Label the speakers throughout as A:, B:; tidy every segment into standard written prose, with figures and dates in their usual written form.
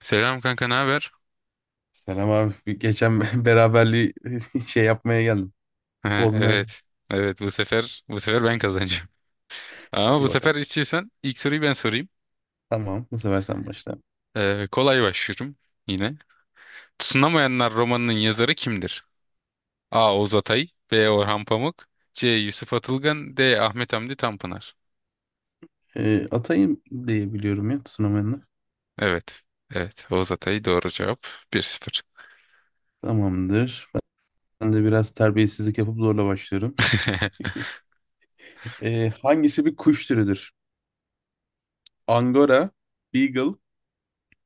A: Selam kanka, ne haber?
B: Selam abi. Bir Geçen beraberliği şey yapmaya geldim.
A: Ha,
B: Bozmaya.
A: evet. Evet, bu sefer ben kazanacağım. Ama
B: Hadi
A: bu sefer
B: bakalım.
A: istiyorsan ilk soruyu ben sorayım.
B: Tamam. Bu sefer sen başla.
A: Kolay başlıyorum yine. Tutunamayanlar romanının yazarı kimdir? A. Oğuz Atay, B. Orhan Pamuk, C. Yusuf Atılgan, D. Ahmet Hamdi Tanpınar.
B: Atayım diye biliyorum ya sunamayanlar.
A: Evet. Evet, Oğuz Atay doğru cevap. Bir sıfır.
B: Tamamdır. Ben de biraz terbiyesizlik yapıp zorla başlıyorum. Hangisi bir kuş türüdür? Angora, Beagle,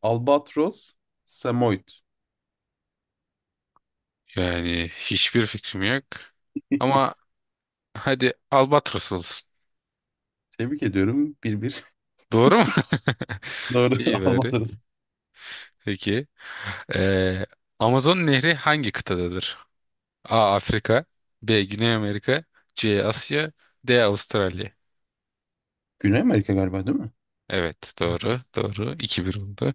B: Albatros, Samoyed.
A: Yani hiçbir fikrim yok. Ama hadi Albatros olsun.
B: Tebrik ediyorum. Bir bir.
A: Doğru mu?
B: Doğru.
A: İyi bari.
B: Albatros.
A: Peki. Ee, Amazon Nehri hangi kıtadadır? A. Afrika, B. Güney Amerika, C. Asya, D. Avustralya.
B: Güney Amerika galiba değil mi?
A: Evet, doğru, doğru. 2-1 oldu.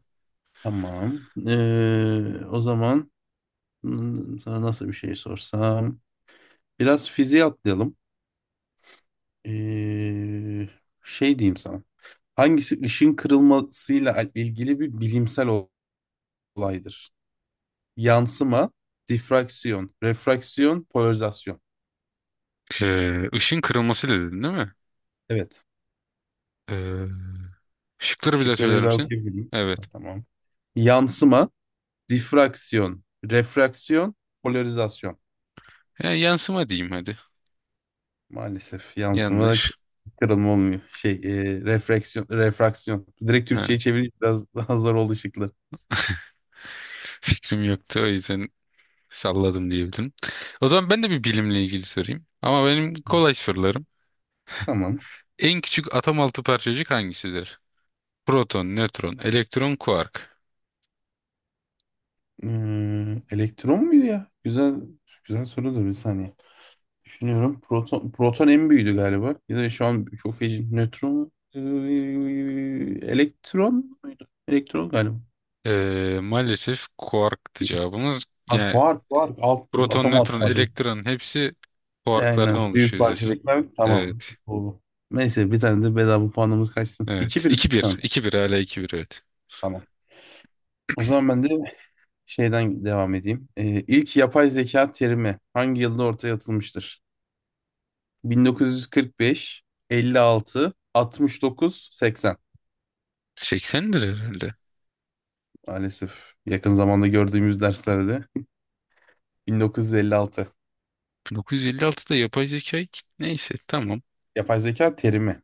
B: Tamam. O zaman sana nasıl bir şey sorsam? Biraz fiziğe atlayalım. Ee, şey diyeyim sana. Hangisi ışın kırılmasıyla ilgili bir bilimsel olaydır? Yansıma, difraksiyon, refraksiyon, polarizasyon.
A: Işın kırılması dedin değil mi?
B: Evet.
A: Ee, Şıkları bir daha
B: Şıkları bir
A: söyler
B: daha
A: misin?
B: okuyabilirim. Ha,
A: Evet.
B: tamam. Yansıma, difraksiyon, refraksiyon, polarizasyon.
A: Ya, yansıma diyeyim hadi.
B: Maalesef yansıma
A: Yanlış.
B: kırılma olmuyor. Şey, refraksiyon, refraksiyon. Direkt
A: Ha,
B: Türkçe'ye çevirince biraz daha zor oldu şıklar.
A: fikrim yoktu, o yüzden salladım diyebilirim. O zaman ben de bir bilimle ilgili sorayım. Ama benim kolay sorularım.
B: Tamam.
A: En küçük atom altı parçacık hangisidir? Proton, nötron, elektron, kuark.
B: Elektron muydu ya? Güzel güzel soru da bir saniye. Düşünüyorum. Proton, proton en büyüğüydü galiba. Ya da şu an çok feci. Nötron mu? Elektron muydu? Elektron galiba.
A: Maalesef kuarktı
B: Değil.
A: cevabımız.
B: Ha,
A: Yani
B: kuark, kuark.
A: proton,
B: Atom alt
A: nötron,
B: parçacık.
A: elektron hepsi kuarklardan
B: Aynen. Büyük
A: oluşuyor zaten.
B: parçacıklar. Tamam.
A: Evet,
B: Oldu. Neyse bir tane de bedava puanımız kaçsın. 2
A: evet.
B: bir
A: 2
B: şu
A: bir,
B: an.
A: iki bir. Hala iki bir. Evet.
B: Tamam. O zaman ben de şeyden devam edeyim. İlk yapay zeka terimi hangi yılda ortaya atılmıştır? 1945, 56, 69, 80.
A: 80'dir herhalde.
B: Maalesef yakın zamanda gördüğümüz derslerde 1956.
A: 1956'da yapay zeka neyse tamam.
B: Yapay zeka terimi.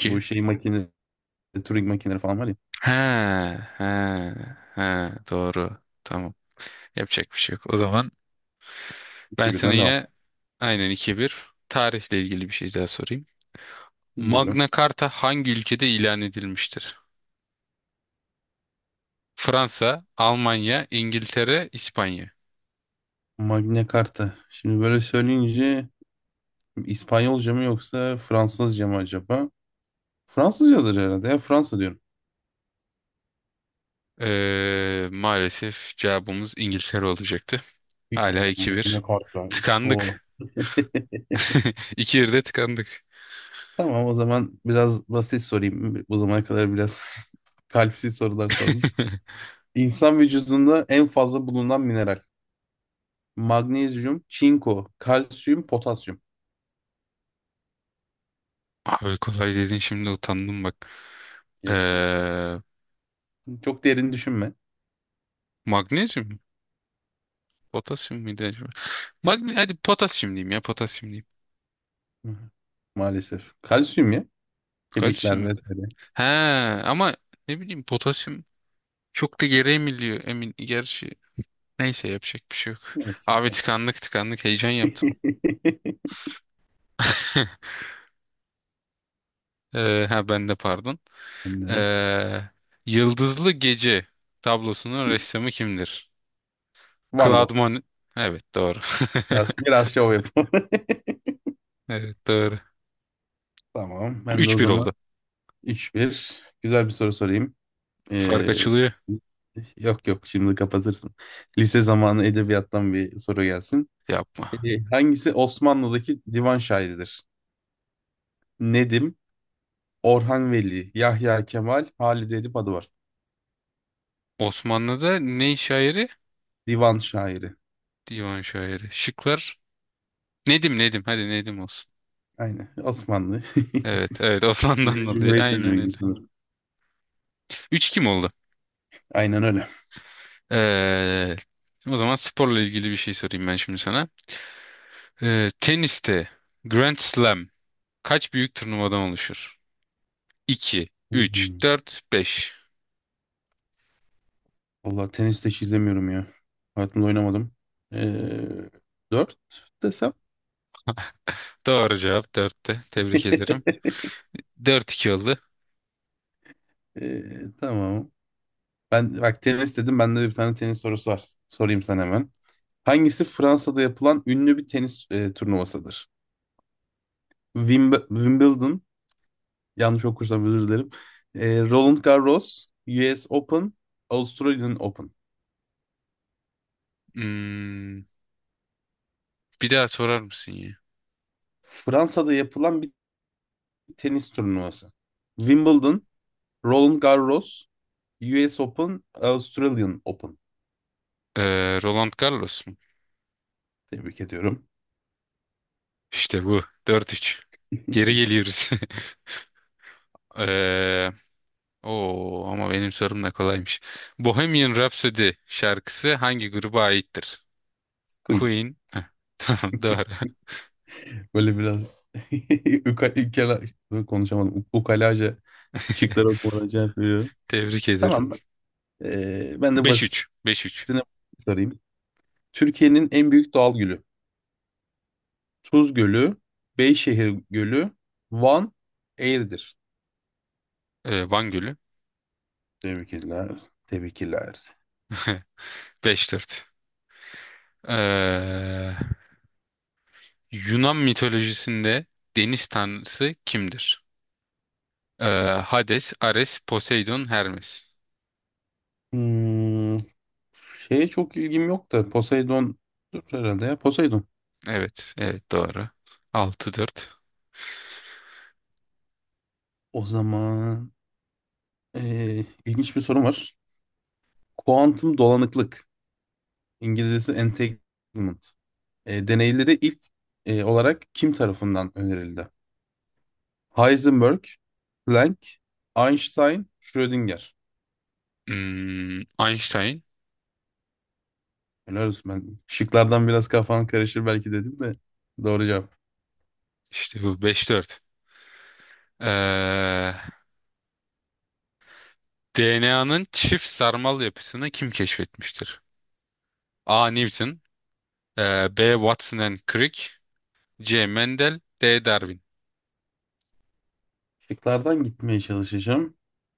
B: Bu şey makine, Turing makineleri falan var ya.
A: He, he, he, doğru. Tamam. Yapacak bir şey yok. O zaman ben
B: İki
A: sana
B: birden devam.
A: yine aynen iki bir tarihle ilgili bir şey daha sorayım.
B: Bilmiyorum.
A: Magna Carta hangi ülkede ilan edilmiştir? Fransa, Almanya, İngiltere, İspanya.
B: Magna Carta. Şimdi böyle söyleyince İspanyolca mı yoksa Fransızca mı acaba? Fransızca yazar herhalde ya. Fransa diyorum.
A: Maalesef cevabımız İngiltere olacaktı.
B: Hiç-
A: Hala 2-1.
B: Magna Carta. Oo.
A: Tıkandık. 2-1'de tıkandık.
B: Tamam o zaman biraz basit sorayım. Bu zamana kadar biraz kalpsiz sorular sordum. İnsan vücudunda en fazla bulunan mineral. Magnezyum, çinko, kalsiyum, potasyum.
A: Abi, kolay dedin, şimdi utandım bak.
B: Yok yok.
A: Ee,
B: Çok derin düşünme.
A: Magnezyum mu? Potasyum muydu acaba? Hadi potasyum diyeyim, ya potasyum diyeyim.
B: Hı hı. Maalesef. Kalsiyum ya.
A: Kalsiyum
B: Kemikler
A: muydu?
B: vesaire.
A: He, ama ne bileyim, potasyum çok da geri emiliyor, emin gerçi. Neyse, yapacak bir şey yok.
B: Neyse
A: Abi,
B: neyse.
A: tıkandık tıkandık, heyecan yaptım. Ha, ben de pardon.
B: Ben de-
A: Ee, Yıldızlı Gece tablosunun ressamı kimdir?
B: Van
A: Claude
B: Gogh.
A: Monet. Evet, doğru.
B: Biraz şov yapalım.
A: Evet, doğru.
B: Tamam. Ben de o
A: 3-1
B: zaman
A: oldu.
B: üç bir. Güzel bir soru sorayım.
A: Fark
B: Ee,
A: açılıyor.
B: yok yok şimdi kapatırsın. Lise zamanı edebiyattan bir soru gelsin.
A: Yapma.
B: Hangisi Osmanlı'daki divan şairidir? Nedim, Orhan Veli, Yahya Kemal, Halide Edip adı var.
A: Osmanlı'da ne şairi?
B: Divan şairi.
A: Divan şairi. Şıklar. Nedim, Nedim. Hadi Nedim olsun.
B: Aynen. Osmanlı.
A: Evet, evet, Osmanlı'dan dolayı.
B: Cumhuriyet dönemi
A: Aynen
B: gibi
A: öyle.
B: sanırım.
A: 3 kim oldu?
B: Aynen öyle.
A: Ee, O zaman sporla ilgili bir şey sorayım ben şimdi sana. Teniste Grand Slam kaç büyük turnuvadan oluşur? 2, 3,
B: Hmm.
A: 4, 5.
B: Valla tenis de hiç izlemiyorum ya. Hayatımda oynamadım. Ee, dört desem.
A: Doğru cevap dörtte. Tebrik ederim. Dört iki oldu.
B: Tamam. Ben bak tenis dedim. Bende de bir tane tenis sorusu var. Sorayım sana hemen. Hangisi Fransa'da yapılan ünlü bir tenis turnuvasıdır? Wimbledon, yanlış okursam özür dilerim. Roland Garros, US Open, Australian Open.
A: Hmm, bir daha sorar mısın ya?
B: Fransa'da yapılan bir tenis turnuvası. Wimbledon, Roland Garros, US Open, Australian Open.
A: Roland Garros mu?
B: Tebrik ediyorum.
A: İşte bu. Dört üç. Geri geliyoruz. Ee, Ama benim sorum da kolaymış. Bohemian Rhapsody şarkısı hangi gruba aittir?
B: Queen.
A: Queen. Heh, tamam, doğru.
B: Böyle biraz ukala, konuşamadım. Ukalaca şıkları okumadan cevap veriyorum.
A: Tebrik ederim.
B: Tamam. Ben de
A: Beş
B: basitine
A: üç. Beş üç.
B: sorayım. Türkiye'nin en büyük doğal gülü. Tuz Gölü, Beyşehir Gölü, Van, Eğirdir.
A: Van Gölü.
B: Tebrikler, tebrikler.
A: 5-4. Ee, Yunan mitolojisinde deniz tanrısı kimdir? Ee, Hades, Ares, Poseidon, Hermes.
B: Hmm, şeye çok ilgim yok da Poseidon dur herhalde ya Poseidon.
A: Evet, evet, doğru. 6-4.
B: O zaman ilginç bir sorum var. Kuantum dolanıklık, İngilizcesi entanglement. Deneyleri ilk olarak kim tarafından önerildi? Heisenberg, Planck, Einstein, Schrödinger.
A: Hmm, Einstein.
B: Helal olsun, ben şıklardan biraz kafan karışır belki dedim de doğru cevap.
A: İşte bu, 5-4. Ee, DNA'nın çift sarmal yapısını kim keşfetmiştir? A. Newton, B. Watson and Crick, C. Mendel, D. Darwin.
B: Şıklardan gitmeye çalışacağım.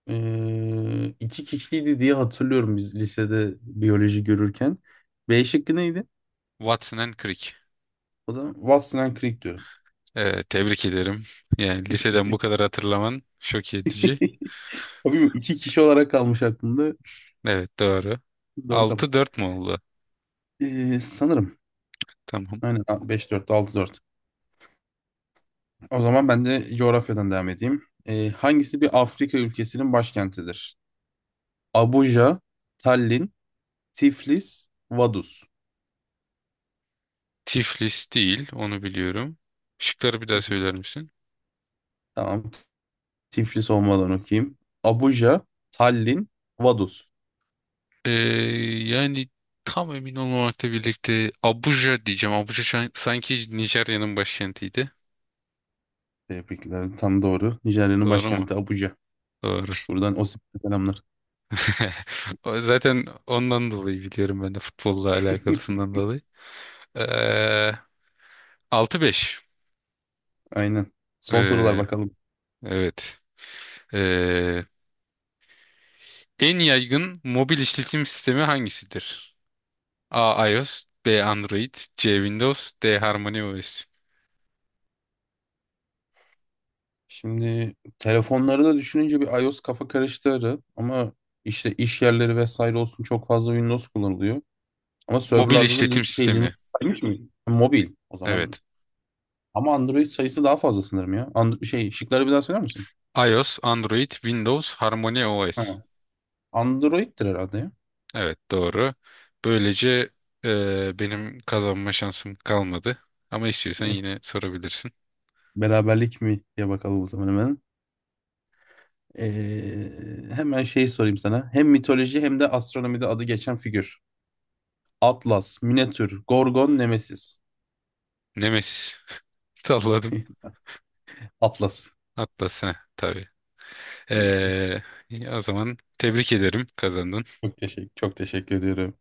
B: İki kişiydi diye hatırlıyorum biz lisede biyoloji görürken. B şıkkı neydi?
A: Watson and Crick.
B: O zaman Watson Creek diyorum.
A: Tebrik ederim. Yani liseden bu kadar hatırlaman şok edici.
B: Tabii bu iki kişi olarak kalmış aklımda.
A: Evet, doğru.
B: Doğru kalmış.
A: Altı dört mu oldu?
B: Sanırım.
A: Tamam.
B: Aynen beş dört altı dört. O zaman ben de coğrafyadan devam edeyim. Hangisi bir Afrika ülkesinin başkentidir? Abuja, Tallin, Tiflis, Vaduz.
A: Tiflis değil, onu biliyorum. Şıkları bir daha söyler misin?
B: Tamam. Tiflis olmadan okuyayım. Abuja, Tallin, Vaduz.
A: Ee, Yani tam emin olmamakla birlikte Abuja diyeceğim. Abuja sanki Nijerya'nın başkentiydi.
B: Tebrikler. Tam doğru. Nijerya'nın
A: Doğru mu?
B: başkenti Abuja.
A: Doğru.
B: Buradan Osip'e selamlar.
A: Zaten ondan dolayı biliyorum ben de, futbolla alakalısından dolayı. Ee, 6-5.
B: Aynen. Son sorular
A: Ee,
B: bakalım.
A: evet. Ee, En yaygın mobil işletim sistemi hangisidir? A. iOS, B. Android, C. Windows, D. HarmonyOS.
B: Şimdi telefonları da düşününce bir iOS kafa karıştırır ama işte iş yerleri vesaire olsun çok fazla Windows kullanılıyor. Ama
A: Mobil
B: serverlarda da
A: işletim
B: şey Linux
A: sistemi.
B: saymış mı? Mobil o zaman.
A: Evet.
B: Ama Android sayısı daha fazla sanırım ya. Şey şıkları bir daha söyler misin?
A: iOS, Android, Windows, HarmonyOS.
B: Ha. Android'tir herhalde ya.
A: Evet, doğru. Böylece benim kazanma şansım kalmadı. Ama istiyorsan
B: Eh,
A: yine sorabilirsin.
B: Beraberlik mi diye bakalım o zaman hemen. Ee, hemen şey sorayım sana. Hem mitoloji hem de astronomide adı geçen figür. Atlas, Minotür, Gorgon, Nemesis.
A: Nemesis. Salladım.
B: Atlas.
A: Atlas. Heh, tabii.
B: Neyse.
A: Eee, O zaman tebrik ederim, kazandın.
B: Çok teşekkür ediyorum.